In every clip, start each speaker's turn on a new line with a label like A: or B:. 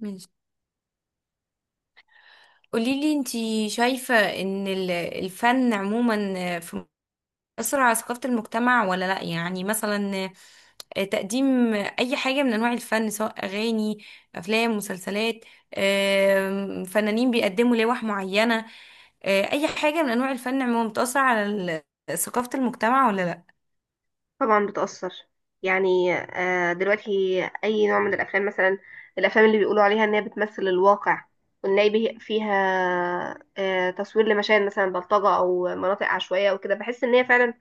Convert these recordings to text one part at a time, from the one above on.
A: ماشي. قوليلي انتي شايفة ان الفن عموما في مصر على ثقافة المجتمع ولا لا؟ يعني مثلا تقديم اي حاجة من انواع الفن سواء اغاني افلام مسلسلات، فنانين بيقدموا لوح معينة، اي حاجة من انواع الفن عموما بتأثر على ثقافة المجتمع ولا لا؟
B: طبعا بتأثر. يعني دلوقتي أي نوع من الأفلام مثلا، الأفلام اللي بيقولوا عليها إنها بتمثل الواقع ونلاقي فيها تصوير لمشاهد مثلا بلطجة أو مناطق عشوائية وكده، بحس إن هي فعلا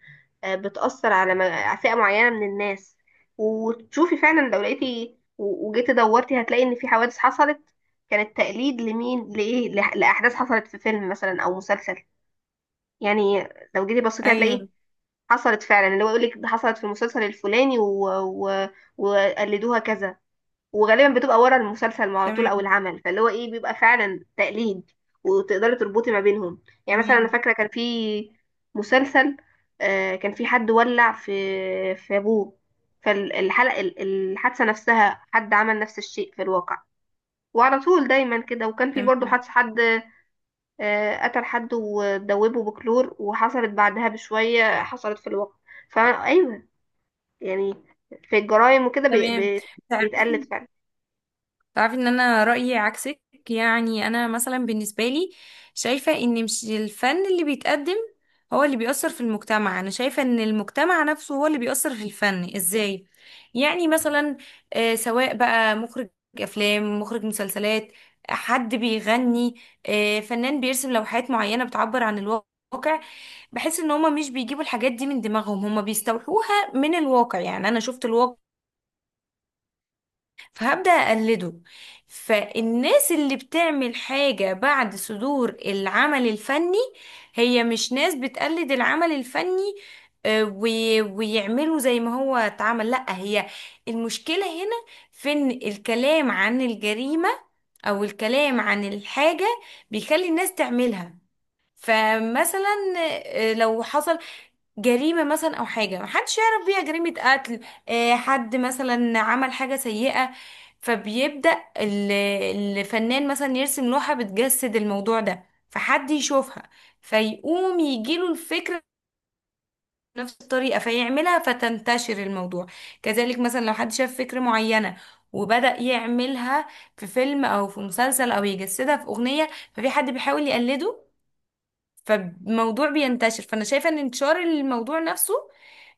B: بتأثر على على فئة معينة من الناس. وتشوفي فعلا لو لقيتي وجيتي دورتي، هتلاقي إن في حوادث حصلت كانت تقليد لمين لإيه لأحداث حصلت في فيلم مثلا أو مسلسل. يعني لو جيتي بصيتي
A: ايوه.
B: هتلاقي حصلت فعلا، اللي هو يقول لك حصلت في المسلسل الفلاني وقلدوها كذا. وغالبا بتبقى ورا المسلسل على طول او
A: تمام.
B: العمل، فاللي هو ايه بيبقى فعلا تقليد، وتقدري تربطي ما بينهم. يعني مثلا انا
A: تمام.
B: فاكره كان في مسلسل، آه كان في حد ولع في ابوه، فالحلقه الحادثه نفسها حد عمل نفس الشيء في الواقع. وعلى طول دايما كده. وكان في برضه
A: تمام.
B: حادثه حد قتل حد ودوبه بكلور، وحصلت بعدها بشويه، حصلت في الواقع. فايوه، يعني في الجرائم وكده
A: تمام.
B: بيتقلد فعلا.
A: تعرفي ان انا رأيي عكسك. يعني انا مثلا بالنسبة لي شايفة ان مش الفن اللي بيتقدم هو اللي بيأثر في المجتمع، انا شايفة ان المجتمع نفسه هو اللي بيأثر في الفن. ازاي؟ يعني مثلا، سواء بقى مخرج افلام، مخرج مسلسلات، حد بيغني، فنان بيرسم لوحات معينة بتعبر عن الواقع، بحس ان هما مش بيجيبوا الحاجات دي من دماغهم، هما بيستوحوها من الواقع. يعني انا شفت الواقع فهبدأ أقلده. فالناس اللي بتعمل حاجة بعد صدور العمل الفني هي مش ناس بتقلد العمل الفني ويعملوا زي ما هو اتعمل، لأ. هي المشكلة هنا في إن الكلام عن الجريمة أو الكلام عن الحاجة بيخلي الناس تعملها. فمثلا، لو حصل جريمة مثلا أو حاجة محدش يعرف بيها، جريمة قتل، حد مثلا عمل حاجة سيئة، فبيبدأ الفنان مثلا يرسم لوحة بتجسد الموضوع ده، فحد يشوفها فيقوم يجيله الفكرة بنفس الطريقة فيعملها فتنتشر الموضوع. كذلك مثلا لو حد شاف فكرة معينة وبدأ يعملها في فيلم أو في مسلسل أو يجسدها في أغنية، ففي حد بيحاول يقلده فالموضوع بينتشر. فانا شايفة ان انتشار الموضوع نفسه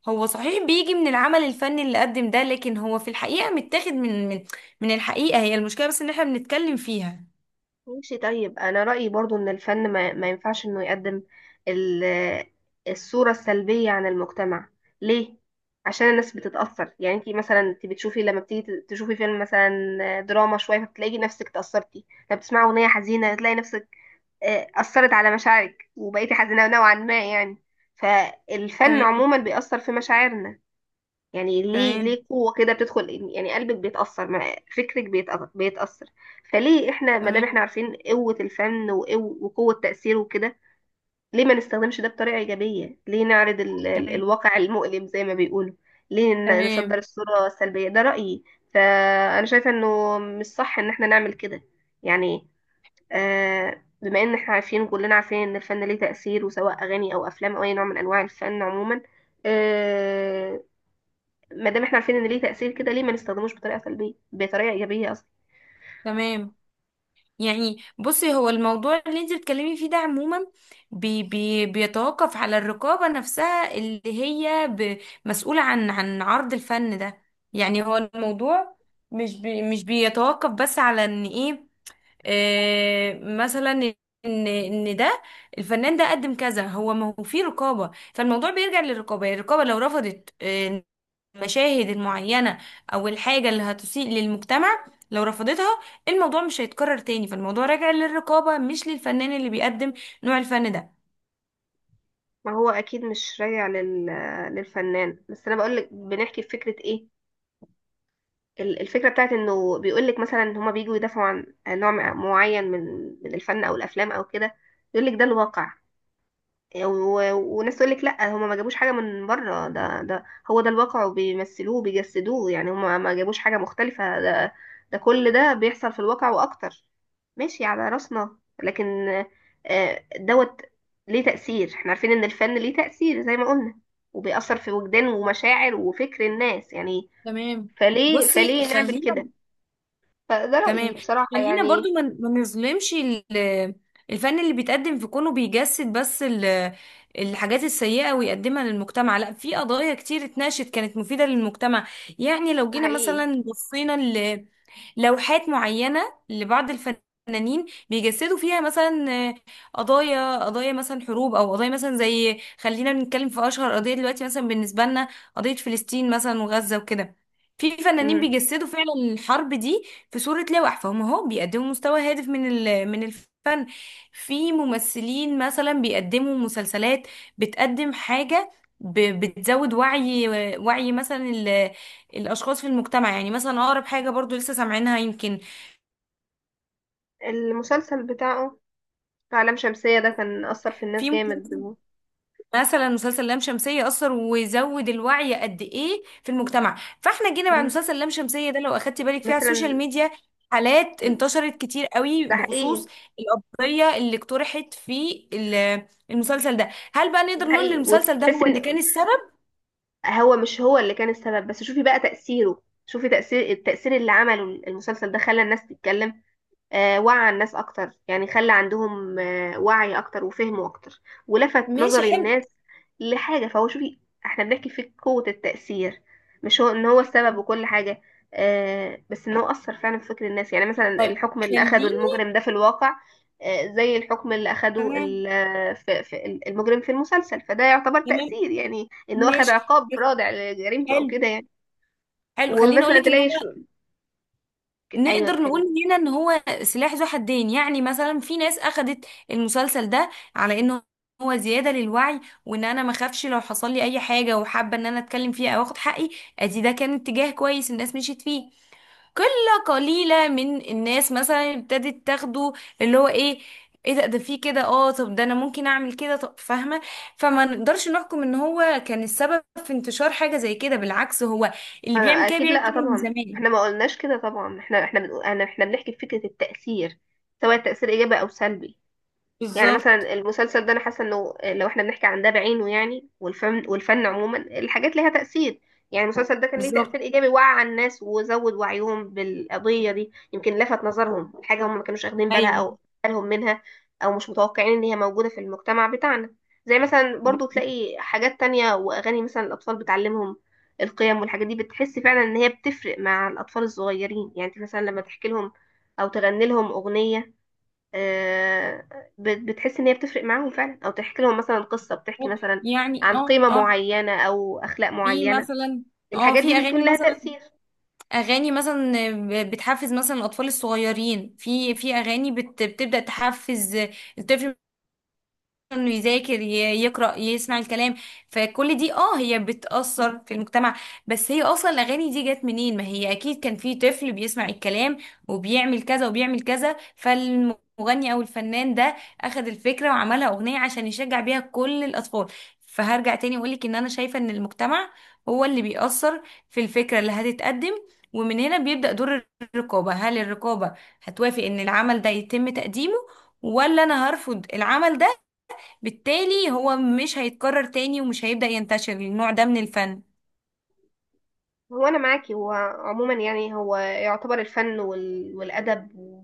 A: هو صحيح بيجي من العمل الفني اللي قدم ده، لكن هو في الحقيقة متاخد من الحقيقة. هي المشكلة بس ان احنا بنتكلم فيها.
B: ماشي، طيب انا رأيي برضو ان الفن ما ينفعش انه يقدم ال- الصورة السلبية عن المجتمع. ليه؟ عشان الناس بتتأثر. يعني انتي مثلا انتي بتشوفي، لما بتيجي تشوفي فيلم مثلا دراما شوية، فبتلاقي نفسك تأثرتي. لما بتسمعي أغنية حزينة تلاقي نفسك أثرت على مشاعرك، وبقيتي حزينة نوعا ما يعني. فالفن
A: تمام.
B: عموما بيأثر في مشاعرنا. يعني ليه
A: تمام.
B: ليه قوة كده بتدخل، يعني قلبك بيتأثر فكرك بيتأثر. فليه احنا ما دام
A: تمام.
B: احنا عارفين قوة الفن وقوة تأثيره وكده، ليه ما نستخدمش ده بطريقة إيجابية؟ ليه نعرض ال
A: تمام.
B: الواقع المؤلم زي ما بيقولوا؟ ليه نصدر
A: تمام.
B: الصورة السلبية؟ ده رأيي. فأنا شايفة إنه مش صح إن احنا نعمل كده. يعني آه، بما إن احنا عارفين، كلنا عارفين إن الفن ليه تأثير، وسواء أغاني أو أفلام أو أي نوع من أنواع الفن عموما، آه، ما دام احنا عارفين ان ليه تأثير كده، ليه ما نستخدموش بطريقة سلبية، بطريقة إيجابية قصدي.
A: تمام. يعني بصي، هو الموضوع اللي انت بتتكلمي فيه ده عموما بي بي بيتوقف على الرقابة نفسها اللي هي مسؤولة عن عرض الفن ده. يعني هو الموضوع مش بيتوقف بس على ان ايه، مثلا ان ده الفنان ده قدم كذا، هو ما هو في رقابه، فالموضوع بيرجع للرقابه. يعني الرقابه لو رفضت، المشاهد المعينه او الحاجه اللي هتسيء للمجتمع، لو رفضتها الموضوع مش هيتكرر تاني. فالموضوع راجع للرقابه مش للفنان اللي بيقدم نوع الفن ده.
B: ما هو اكيد مش راجع لل... للفنان بس. انا بقول لك بنحكي في فكرة ايه، الفكرة بتاعت انه بيقول لك مثلا ان هما بيجوا يدافعوا عن نوع معين من من الفن او الافلام او كده، يقول لك ده الواقع. و- وناس تقول لك لا، هما ما جابوش حاجه من بره، ده هو ده الواقع وبيمثلوه بيجسدوه، يعني هما ما جابوش حاجه مختلفه، ده كل ده بيحصل في الواقع واكتر. ماشي، على راسنا. لكن دوت ليه تأثير، احنا عارفين ان الفن ليه تأثير زي ما قلنا، وبيأثر في وجدان ومشاعر وفكر الناس يعني.
A: تمام.
B: فليه
A: بصي
B: فليه نعمل
A: خلينا،
B: كده؟ فده رأيي
A: تمام،
B: بصراحة
A: خلينا
B: يعني.
A: برضو ما نظلمش الفن اللي بيتقدم في كونه بيجسد بس الحاجات السيئة ويقدمها للمجتمع. لا، في قضايا كتير اتناقشت كانت مفيدة للمجتمع. يعني لو
B: ده
A: جينا
B: حقيقي.
A: مثلا بصينا لوحات معينة لبعض الفنانين بيجسدوا فيها مثلا، قضايا، مثلا حروب او قضايا مثلا زي، خلينا بنتكلم في اشهر قضية دلوقتي مثلا بالنسبة لنا قضية فلسطين مثلا وغزة وكده، في فنانين
B: مم.
A: بيجسدوا فعلا الحرب دي في صورة لوح، فهم اهو بيقدموا مستوى هادف من من الفن. في ممثلين مثلا بيقدموا مسلسلات بتقدم حاجة، بتزود وعي، وعي مثلا الاشخاص في المجتمع. يعني مثلا اقرب حاجه برضو لسه سامعينها يمكن،
B: المسلسل بتاعه عالم شمسية ده كان أثر في الناس
A: في ممكن
B: جامد.
A: مثلا، مسلسل لام شمسيه اثر ويزود الوعي قد ايه في المجتمع. فاحنا جينا بعد
B: مم،
A: مسلسل لام شمسيه ده لو اخدتي بالك فيه على السوشيال
B: مثلا
A: ميديا، حالات
B: ال-
A: انتشرت كتير قوي
B: ده حقيقي.
A: بخصوص القضيه اللي اقترحت في المسلسل ده. هل بقى
B: ده
A: نقدر نقول ان
B: حقيقي،
A: المسلسل ده
B: وتحس
A: هو
B: ان
A: اللي كان السبب؟
B: هو مش هو اللي كان السبب، بس شوفي بقى تأثيره، شوفي تأثير، التأثير اللي عمله المسلسل ده خلى الناس تتكلم. وعى الناس اكتر يعني، خلى عندهم آه، وعي اكتر وفهم اكتر، ولفت
A: ماشي.
B: نظر
A: حلو.
B: الناس لحاجه. فهو شوفي، احنا بنحكي في قوه التاثير، مش هو ان هو السبب وكل حاجه، بس ان هو اثر فعلا في فكر الناس. يعني مثلا
A: طيب
B: الحكم اللي
A: خليني،
B: اخده المجرم ده في الواقع زي الحكم اللي اخده
A: تمام،
B: في المجرم في المسلسل، فده يعتبر
A: تمام،
B: تاثير، يعني ان هو اخد
A: ماشي،
B: عقاب رادع لجريمته او
A: حلو،
B: كده يعني.
A: حلو، خليني اقول
B: ومثلا
A: لك ان هو،
B: تلاقي شو، ايوه
A: نقدر نقول
B: اتكلم.
A: هنا ان هو سلاح ذو حدين. يعني مثلا في ناس اخدت المسلسل ده على انه هو زيادة للوعي، وان انا ما اخافش لو حصل لي اي حاجة وحابة ان انا اتكلم فيها او اخد حقي. ادي ده كان اتجاه كويس الناس مشيت فيه. قلة قليلة من الناس مثلا ابتدت تاخده اللي هو ايه، ايه ده، ده فيه كده، اه طب ده انا ممكن اعمل كده، طب فاهمة. فما نقدرش نحكم ان هو كان السبب في انتشار حاجة زي كده، بالعكس، هو اللي بيعمل
B: أنا
A: كده
B: اكيد
A: بيعمل
B: لا،
A: كده من
B: طبعا
A: زمان.
B: احنا ما قلناش كده، طبعا احنا بنقول، انا احنا بنحكي في فكره التاثير، سواء تاثير ايجابي او سلبي. يعني
A: بالظبط.
B: مثلا المسلسل ده انا حاسه انه لو احنا بنحكي عن ده بعينه يعني، والفن عموما، الحاجات ليها تاثير. يعني المسلسل ده كان ليه تاثير
A: بالظبط.
B: ايجابي، وعى الناس وزود وعيهم بالقضيه دي، يمكن لفت نظرهم حاجه هم ما كانوش واخدين بالها
A: ايوه.
B: او بالهم منها، او مش متوقعين ان هي موجوده في المجتمع بتاعنا. زي مثلا برضو
A: بت-
B: تلاقي حاجات تانية، واغاني مثلا الاطفال بتعلمهم القيم، والحاجات دي بتحس فعلا ان هي بتفرق مع الاطفال الصغيرين. يعني انت مثلا لما تحكي لهم او تغني لهم اغنيه، آه، بتحس ان هي بتفرق معاهم فعلا، او تحكي لهم مثلا قصة بتحكي
A: بتروح
B: مثلا
A: يعني،
B: عن
A: اه
B: قيمة
A: اه،
B: معينة او اخلاق
A: في
B: معينة،
A: مثلا، اه
B: الحاجات
A: في
B: دي
A: اغاني
B: بيكون لها
A: مثلا،
B: تأثير.
A: اغاني مثلا بتحفز مثلا الاطفال الصغيرين، في اغاني بتبدا تحفز الطفل انه يذاكر، يقرأ، يسمع الكلام. فكل دي اه هي بتأثر في المجتمع. بس هي اصلا الاغاني دي جت منين؟ ما هي اكيد كان في طفل بيسمع الكلام وبيعمل كذا وبيعمل كذا، فالمغني او الفنان ده اخذ الفكرة وعملها اغنية عشان يشجع بيها كل الاطفال. فهرجع تاني واقولك ان انا شايفة ان المجتمع هو اللي بيأثر في الفكرة اللي هتتقدم. ومن هنا بيبدأ دور الرقابة. هل الرقابة هتوافق ان العمل ده يتم تقديمه، ولا انا هرفض العمل ده؟ بالتالي هو مش هيتكرر تاني ومش هيبدأ ينتشر النوع ده من الفن.
B: هو انا معاكي، هو عموما يعني هو يعتبر الفن وال... والادب و...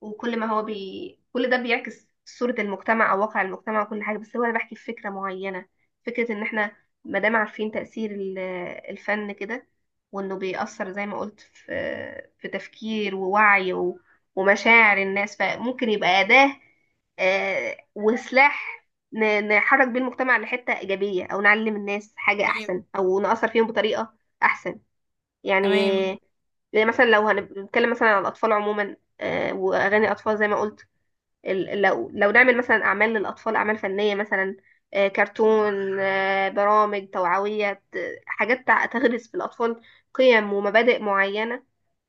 B: وكل ما هو بي... كل ده بيعكس صورة المجتمع او واقع المجتمع وكل حاجة، بس هو انا بحكي في فكرة معينة، فكرة ان احنا ما دام عارفين تأثير الفن كده، وانه بيأثر زي ما قلت في في تفكير ووعي و... ومشاعر الناس، فممكن يبقى أداة وسلاح نحرك بيه المجتمع لحتة إيجابية، أو نعلم الناس حاجة
A: تمام.
B: أحسن، أو نأثر فيهم بطريقة أحسن
A: تمام.
B: يعني. زي مثلا لو هنتكلم مثلا عن الأطفال عموما وأغاني الأطفال زي ما قلت، لو لو نعمل مثلا أعمال للأطفال، أعمال فنية مثلا، كرتون، برامج توعوية، حاجات تغرس في الأطفال قيم ومبادئ معينة،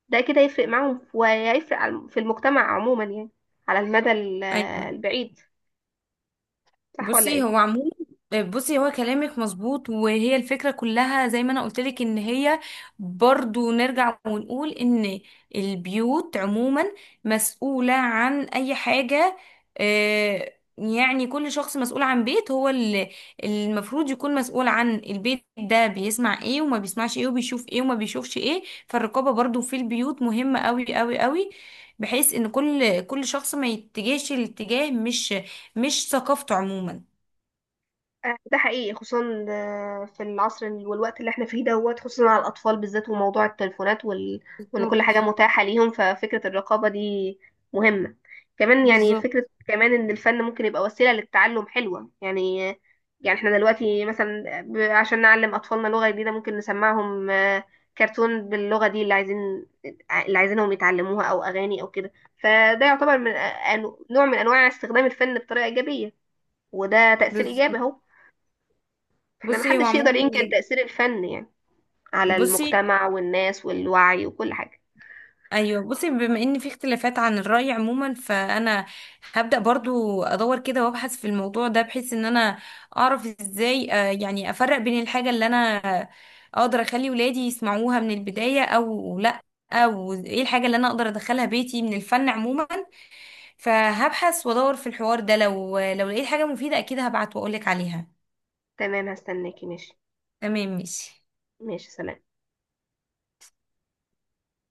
B: ده كده يفرق معاهم ويفرق في المجتمع عموما يعني، على المدى
A: ايوه
B: البعيد. صح ولا
A: بصي
B: إيه؟
A: هو عموما، بصي هو كلامك مظبوط، وهي الفكرة كلها زي ما انا قلت لك ان هي، برضو نرجع ونقول ان البيوت عموما مسؤولة عن اي حاجة. يعني كل شخص مسؤول عن بيت، هو اللي المفروض يكون مسؤول عن البيت ده بيسمع ايه وما بيسمعش ايه وبيشوف ايه وما بيشوفش ايه. فالرقابة برضو في البيوت مهمة قوي قوي قوي، بحيث ان كل شخص ما يتجهش الاتجاه مش، مش ثقافته عموما.
B: ده حقيقي، خصوصا في العصر والوقت اللي احنا فيه دوت، خصوصا على الأطفال بالذات، وموضوع التليفونات وال... وإن كل
A: بالظبط.
B: حاجة متاحة ليهم، ففكرة الرقابة دي مهمة كمان يعني.
A: بالظبط.
B: فكرة كمان إن الفن ممكن يبقى وسيلة للتعلم حلوة يعني. يعني احنا دلوقتي مثلا عشان نعلم أطفالنا لغة جديدة ممكن نسمعهم كرتون باللغة دي اللي عايزين، اللي عايزينهم يتعلموها، أو أغاني أو كده. فده يعتبر من آه، نوع من أنواع استخدام الفن بطريقة إيجابية، وده تأثير إيجابي
A: بالظبط.
B: أهو. احنا
A: بصي هو
B: محدش يقدر ينكر
A: عموما،
B: تأثير الفن يعني، على
A: بصي
B: المجتمع والناس والوعي وكل حاجة.
A: ايوه، بصي بما ان في اختلافات عن الرأي عموما، فانا هبدأ برضو ادور كده وابحث في الموضوع ده بحيث ان انا اعرف ازاي، يعني افرق بين الحاجة اللي انا اقدر اخلي ولادي يسمعوها من البداية او لا، او ايه الحاجة اللي انا اقدر ادخلها بيتي من الفن عموما. فهبحث وادور في الحوار ده، لو لقيت حاجة مفيدة اكيد هبعت واقولك عليها.
B: تمام، هستناكي. ماشي.
A: تمام، ماشي.
B: ماشي، سلام.